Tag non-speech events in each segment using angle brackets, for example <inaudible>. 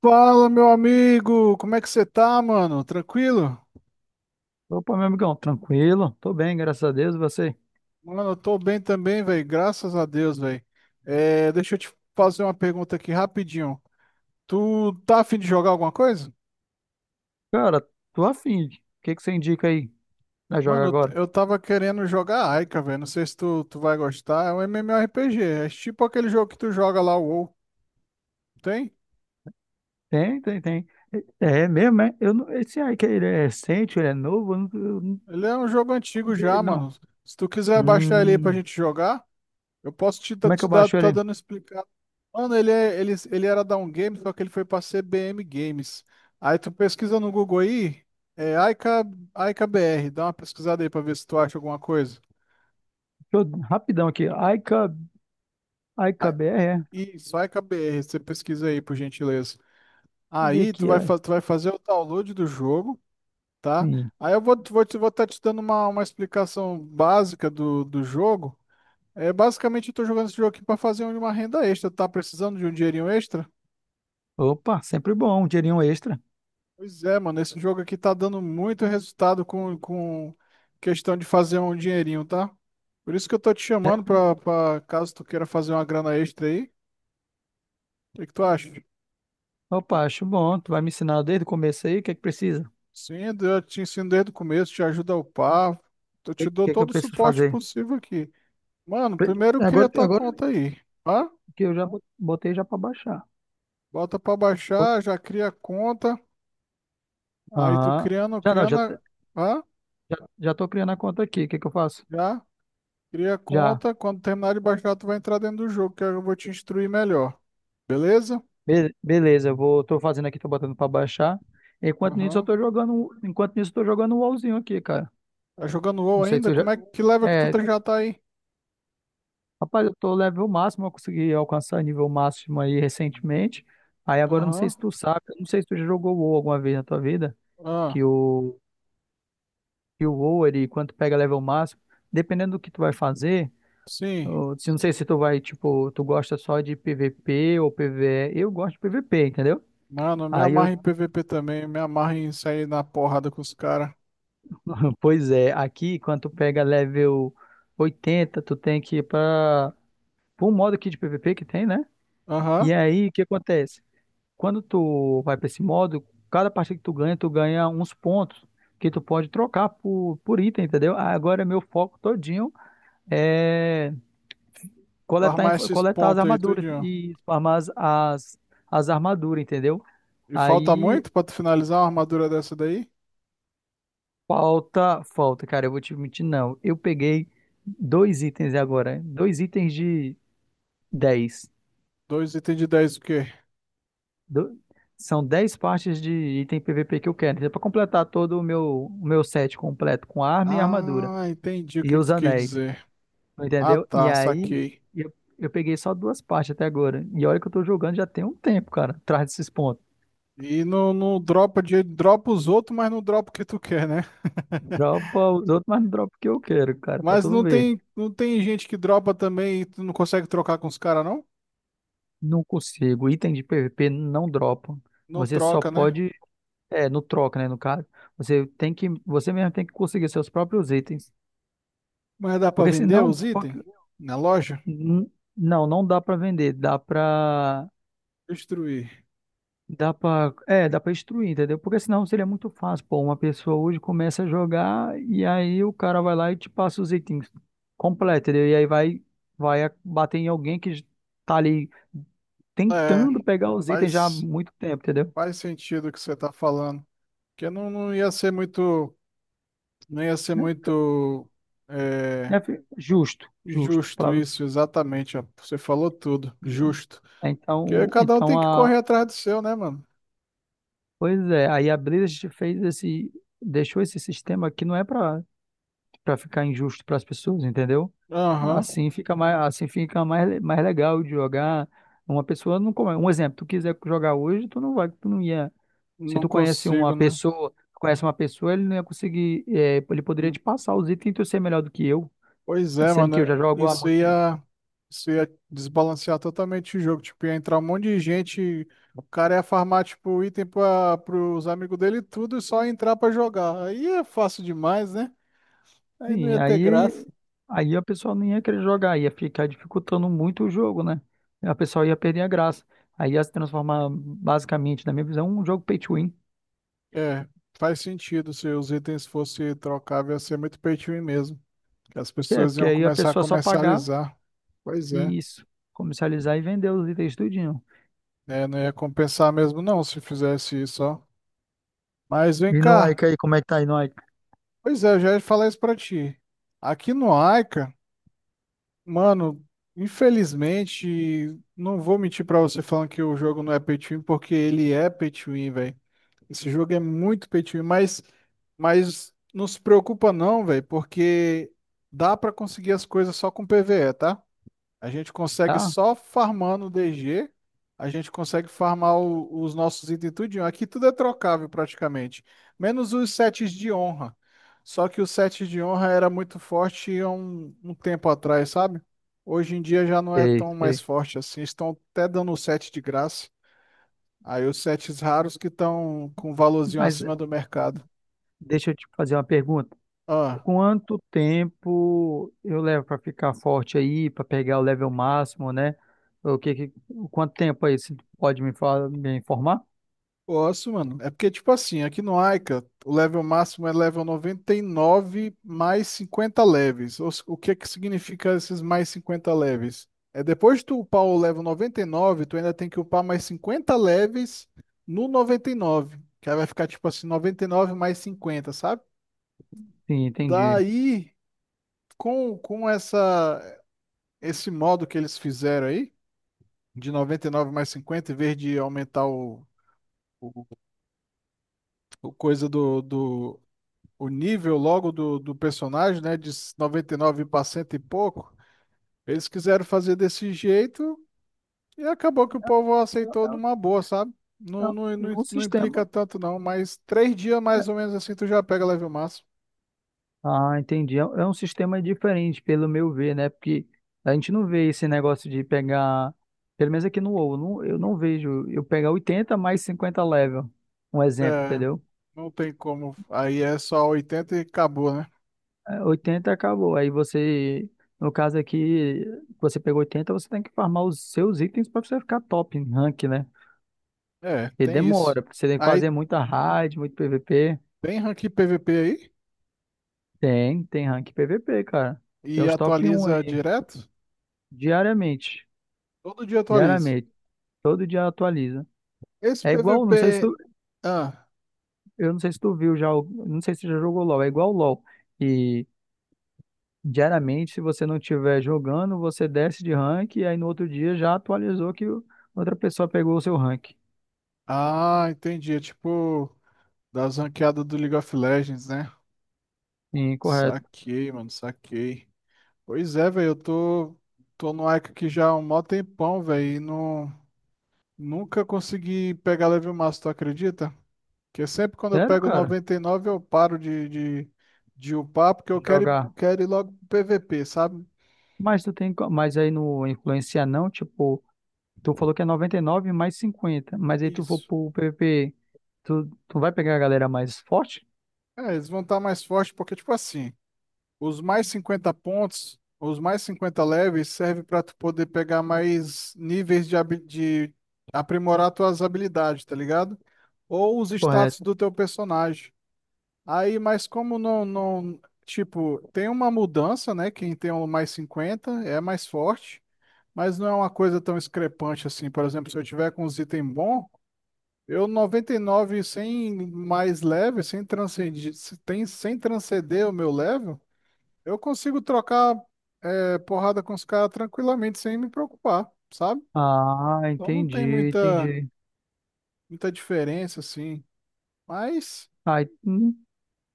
Fala, meu amigo! Como é que você tá, mano? Tranquilo? Opa, meu amigão, tranquilo? Tô bem, graças a Deus, e você? Mano, eu tô bem também, velho. Graças a Deus, velho. É, deixa eu te fazer uma pergunta aqui rapidinho. Tu tá afim de jogar alguma coisa? Cara, tô afim. O que que você indica aí? Nós joga Mano, agora? eu tava querendo jogar Aika, velho. Não sei se tu vai gostar. É um MMORPG. É tipo aquele jogo que tu joga lá, o WoW. Tem? Tem, tem, tem. É mesmo, é? Eu não, esse aí que ele é recente, ele é novo, eu não Ele é um jogo antigo vi ele, já, não. mano. Se tu quiser baixar ele aí pra Hum, gente jogar. Eu posso Como é que eu te dar, baixo tá ele? dando explicado. Mano, ele era da um game, só que ele foi pra CBM Games. Aí tu pesquisa no Google aí, é Aika, Aika BR, dá uma pesquisada aí pra ver se tu acha alguma coisa. Deixa eu, rapidão aqui. Aika, Ah, IKBR, é. Deixa isso, Aika BR, você pesquisa aí, por gentileza. eu ver Aí tu aqui, é. Tu vai fazer o download do jogo, tá? Sim. Aí eu vou estar te dando uma explicação básica do jogo. É, basicamente, eu tô jogando esse jogo aqui pra fazer uma renda extra. Tá precisando de um dinheirinho extra? Opa, sempre bom, um dinheirinho extra. Pois é, mano, esse jogo aqui tá dando muito resultado com questão de fazer um dinheirinho, tá? Por isso que eu tô te É, chamando pra caso tu queira fazer uma grana extra aí. O que que tu acha? opa, acho bom. Tu vai me ensinar desde o começo aí, o que é que precisa? O Sim, eu te ensino desde o começo, te ajudo a upar, eu que, te dou que é que eu todo o preciso suporte fazer? possível aqui. Mano, Pre- primeiro cria Agora, tua agora conta aí, tá? que eu já botei já para baixar. Bota pra Bot- baixar, já cria a conta, aí tu Aham. criando, Já não, criando, já, t- hã? já, já tô criando a conta aqui. O que que eu faço? Já? Cria a Já. conta, quando terminar de baixar, tu vai entrar dentro do jogo, que eu vou te instruir melhor. Beleza? Beleza, tô fazendo aqui, tô botando para baixar. Enquanto nisso eu Aham. tô jogando, enquanto nisso eu tô jogando um LoLzinho aqui, cara. Tá jogando WoW Não sei se ainda? eu já Como é que level que tu É, já tá aí? rapaz, eu tô level máximo, eu consegui alcançar nível máximo aí recentemente. Aí agora eu não sei Aham. se tu sabe, eu não sei se tu já jogou WoW alguma vez na tua vida, Ah, que o que o WoW, ele quando tu pega level máximo, dependendo do que tu vai fazer, sim. eu não sei se tipo, tu gosta só de PVP ou PVE. Eu gosto de PVP, entendeu? Mano, eu me Aí eu, amarra em PVP também, eu me amarra em sair na porrada com os caras. <laughs> pois é, aqui quando tu pega level 80 tu tem que ir pra um modo aqui de PVP que tem, né? Aham. E aí, o que acontece? Quando tu vai pra esse modo, cada partida que tu ganha uns pontos que tu pode trocar por item, entendeu? Agora meu foco todinho é coletar, Farmar info- esses coletar as pontos aí, armaduras tudinho. e farmar as armaduras, entendeu? E falta Aí muito pra tu finalizar uma armadura dessa daí? falta, falta, cara, eu vou te mentir, não. Eu peguei dois itens agora, hein? Dois itens de dez. Dois itens de 10 o quê? Do- são dez partes de item PVP que eu quero, entendeu? Pra completar todo o meu set completo com arma e armadura Ah, entendi o e que que os tu quis anéis, dizer. Ah, entendeu? E tá, aí saquei. eu, eu peguei só duas partes até agora. E olha que eu tô jogando já tem um tempo, cara, atrás desses pontos. E não dropa os outros, mas não dropa o que tu quer, né? <laughs> Dropa os outros, mas não dropa o que eu quero, cara, pra Mas tu não ver. tem, não tem gente que dropa também e tu não consegue trocar com os caras, não? Não consigo. Item de PVP não dropa. Não Você só troca, né? pode. É, no troca, né? No caso. Você tem que. Você mesmo tem que conseguir seus próprios itens. Mas dá pra Porque vender senão. os itens na loja? N- Não, não dá pra vender. Dá pra. Destruir. Dá pra instruir, entendeu? Porque senão seria muito fácil. Pô, uma pessoa hoje começa a jogar e aí o cara vai lá e te passa os itens completos, entendeu? E aí vai bater em alguém que tá ali É, tentando pegar os itens já há faz, muito tempo, entendeu? faz sentido o que você tá falando. Porque não ia ser muito, não ia ser Né? muito é, Né, justo, justo, justo palavra, isso, exatamente. Ó. Você falou tudo, entendeu? justo. Porque Então, cada um tem que correr atrás do seu, né, mano? pois é, aí a Blizzard fez esse, deixou esse sistema que não é para ficar injusto para as pessoas, entendeu? Aham. Assim fica mais legal de jogar. Uma pessoa não come. Um exemplo, tu quiser jogar hoje, tu não ia. Se Não tu conhece uma consigo, né? pessoa, ele não ia conseguir, ele poderia te passar os itens e tu ser melhor do que eu, Pois é, sendo que eu mano. já jogo há Isso muito tempo. ia, isso ia desbalancear totalmente o jogo. Tipo, ia entrar um monte de gente. O cara ia farmar, tipo, item para os amigos dele e tudo e só ia entrar pra jogar. Aí é fácil demais, né? Aí não Sim, ia ter aí, graça. aí a pessoa não ia querer jogar, ia ficar dificultando muito o jogo, né? A pessoa ia perder a graça. Aí ia se transformar basicamente, na minha visão, um jogo pay to win. É, faz sentido. Se os itens fossem trocáveis, ia ser muito pay to win mesmo. Que as É, pessoas porque iam aí a começar a pessoa só pagar. comercializar. Pois é. Isso. Comercializar e vender os itens tudinho. É, não ia compensar mesmo, não, se fizesse isso, ó. Mas vem E no cá. Ike aí, como é que tá aí no Ike? Pois é, eu já ia falar isso pra ti. Aqui no Aika, mano, infelizmente, não vou mentir pra você falando que o jogo não é pay to win, porque ele é pay to win, velho. Esse jogo é muito pay to win, mas não se preocupa não, velho, porque dá pra conseguir as coisas só com PvE, tá? A gente consegue Tá? só farmando DG, a gente consegue farmar os nossos itens tudinho. Aqui tudo é trocável praticamente, menos os sets de honra. Só que o set de honra era muito forte há um tempo atrás, sabe? Hoje em dia já não é Sei, tão mais sei. forte assim. Estão até dando o set de graça. Aí os sets raros que estão com um valorzinho Mas acima do mercado. deixa eu te fazer uma pergunta. Ah. Quanto tempo eu levo para ficar forte aí, para pegar o level máximo, né? O que, que- Quanto tempo aí você pode me informar? Posso, mano. É porque, tipo assim, aqui no Aika, o level máximo é level 99 mais 50 leves. Ou se- O que é que significa esses mais 50 leves? É depois de tu upar o level 99, tu ainda tem que upar mais 50 leves no 99. Que aí vai ficar, tipo assim, 99 mais 50, sabe? Sim, entendi. Daí, com esse modo que eles fizeram aí, de 99 mais 50, em vez de aumentar o o coisa do o nível logo do personagem, né? De 99 para cento e pouco. Eles quiseram fazer desse jeito e acabou que o É, povo um, aceitou é- numa boa, sabe? um, Não, não, é não, um não implica sistema. tanto, não. Mas 3 dias mais ou menos assim tu já pega level máximo. Ah, entendi. É um sistema diferente, pelo meu ver, né? Porque a gente não vê esse negócio de pegar, pelo menos aqui no WoW, eu não vejo eu pegar 80 mais 50 level, um exemplo, É, entendeu? não tem como. Aí é só 80 e acabou, né? É, 80 acabou. Aí você, no caso aqui, você pegou 80, você tem que farmar os seus itens para você ficar top em rank, né? É, E tem isso. demora, porque você tem que Aí fazer muita raid, muito PVP. tem rank PVP aí Tem rank PVP, cara. Tem e os top um atualiza aí, direto. diariamente. Todo dia atualiza. Diariamente. Todo dia atualiza. Esse É igual, não sei se PVP. tu, Ah, eu não sei se tu viu já, não sei se tu já jogou LoL, é igual o LoL. E diariamente, se você não estiver jogando, você desce de rank e aí no outro dia já atualizou que outra pessoa pegou o seu rank. ah, entendi. É tipo das ranqueadas do League of Legends, né? Incorreto. Saquei, mano, saquei. Pois é, velho, eu tô no Ica aqui já há um mó tempão, velho, e não, nunca consegui pegar level máximo, tu acredita? Porque sempre quando eu Sério, pego cara? 99, eu paro de, de upar, porque eu quero ir, Jogar. quero ir logo pro PVP, sabe? Mas aí no influenciar não, tipo, tu falou que é 99 mais 50, mas aí tu for Isso. pro PVP, tu vai pegar a galera mais forte? É, eles vão estar mais fortes, porque, tipo assim, os mais 50 pontos, os mais 50 leves, serve para tu poder pegar mais níveis de aprimorar tuas habilidades, tá ligado? Ou os Correto. status do teu personagem. Aí, mas como não, tipo, tem uma mudança, né? Quem tem o mais 50 é mais forte, mas não é uma coisa tão discrepante assim. Por exemplo, se eu tiver com os itens bons, eu 99 sem mais level, sem transcender, sem transcender o meu level. Eu consigo trocar porrada com os caras tranquilamente, sem me preocupar, sabe? Ah, Então não tem entendi, muita, entendi. muita diferença, assim. Mas Ah,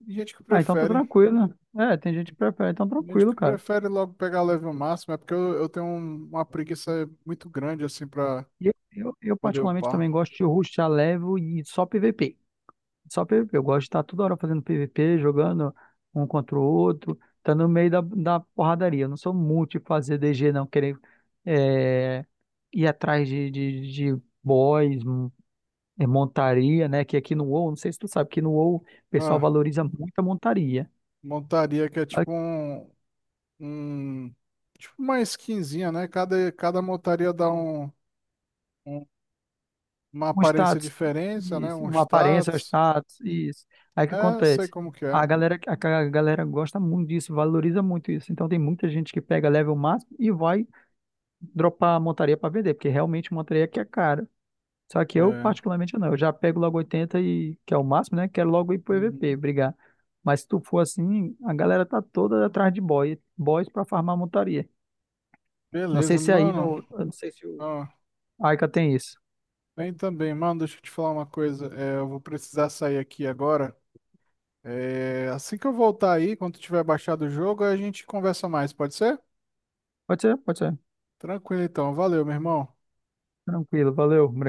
tem gente que Ah, então tá prefere. tranquilo. É, tem gente que prefere, então Tem gente tranquilo, que cara. prefere logo pegar level máximo, é porque eu tenho uma preguiça muito grande, assim, pra Eu poder particularmente também upar. gosto de rushar level e só PVP. Só PVP. Eu gosto de estar toda hora fazendo PVP, jogando um contra o outro, tá no meio da porradaria. Eu não sou muito de fazer DG, não, querer é, ir atrás de boys, montaria, né? Que aqui no WoW, não sei se tu sabe, que no WoW o pessoal Ah, valoriza muito a montaria. montaria que é tipo um- tipo uma skinzinha, né? Cada montaria dá um- uma Um aparência status, diferente, né? isso, Um uma aparência, um status. status, isso. Aí o que É, eu sei acontece? como que A é. galera, a, ca- a galera gosta muito disso, valoriza muito isso. Então tem muita gente que pega level máximo e vai dropar a montaria para vender, porque realmente montaria que é cara. Só que eu, É. particularmente, não. Eu já pego logo 80 e que é o máximo, né? Quero logo ir pro E V P Uhum. brigar. Mas se tu for assim, a galera tá toda atrás de boys para farmar montaria. Não sei Beleza, se aí mano. no, eu não sei se o Ó, Aika tem isso. bem também, mano. Deixa eu te falar uma coisa. É, eu vou precisar sair aqui agora. É, assim que eu voltar aí, quando tiver baixado o jogo, a gente conversa mais, pode ser? Pode ser, pode ser. Tranquilo então. Valeu, meu irmão. Tranquilo, valeu, obrigado.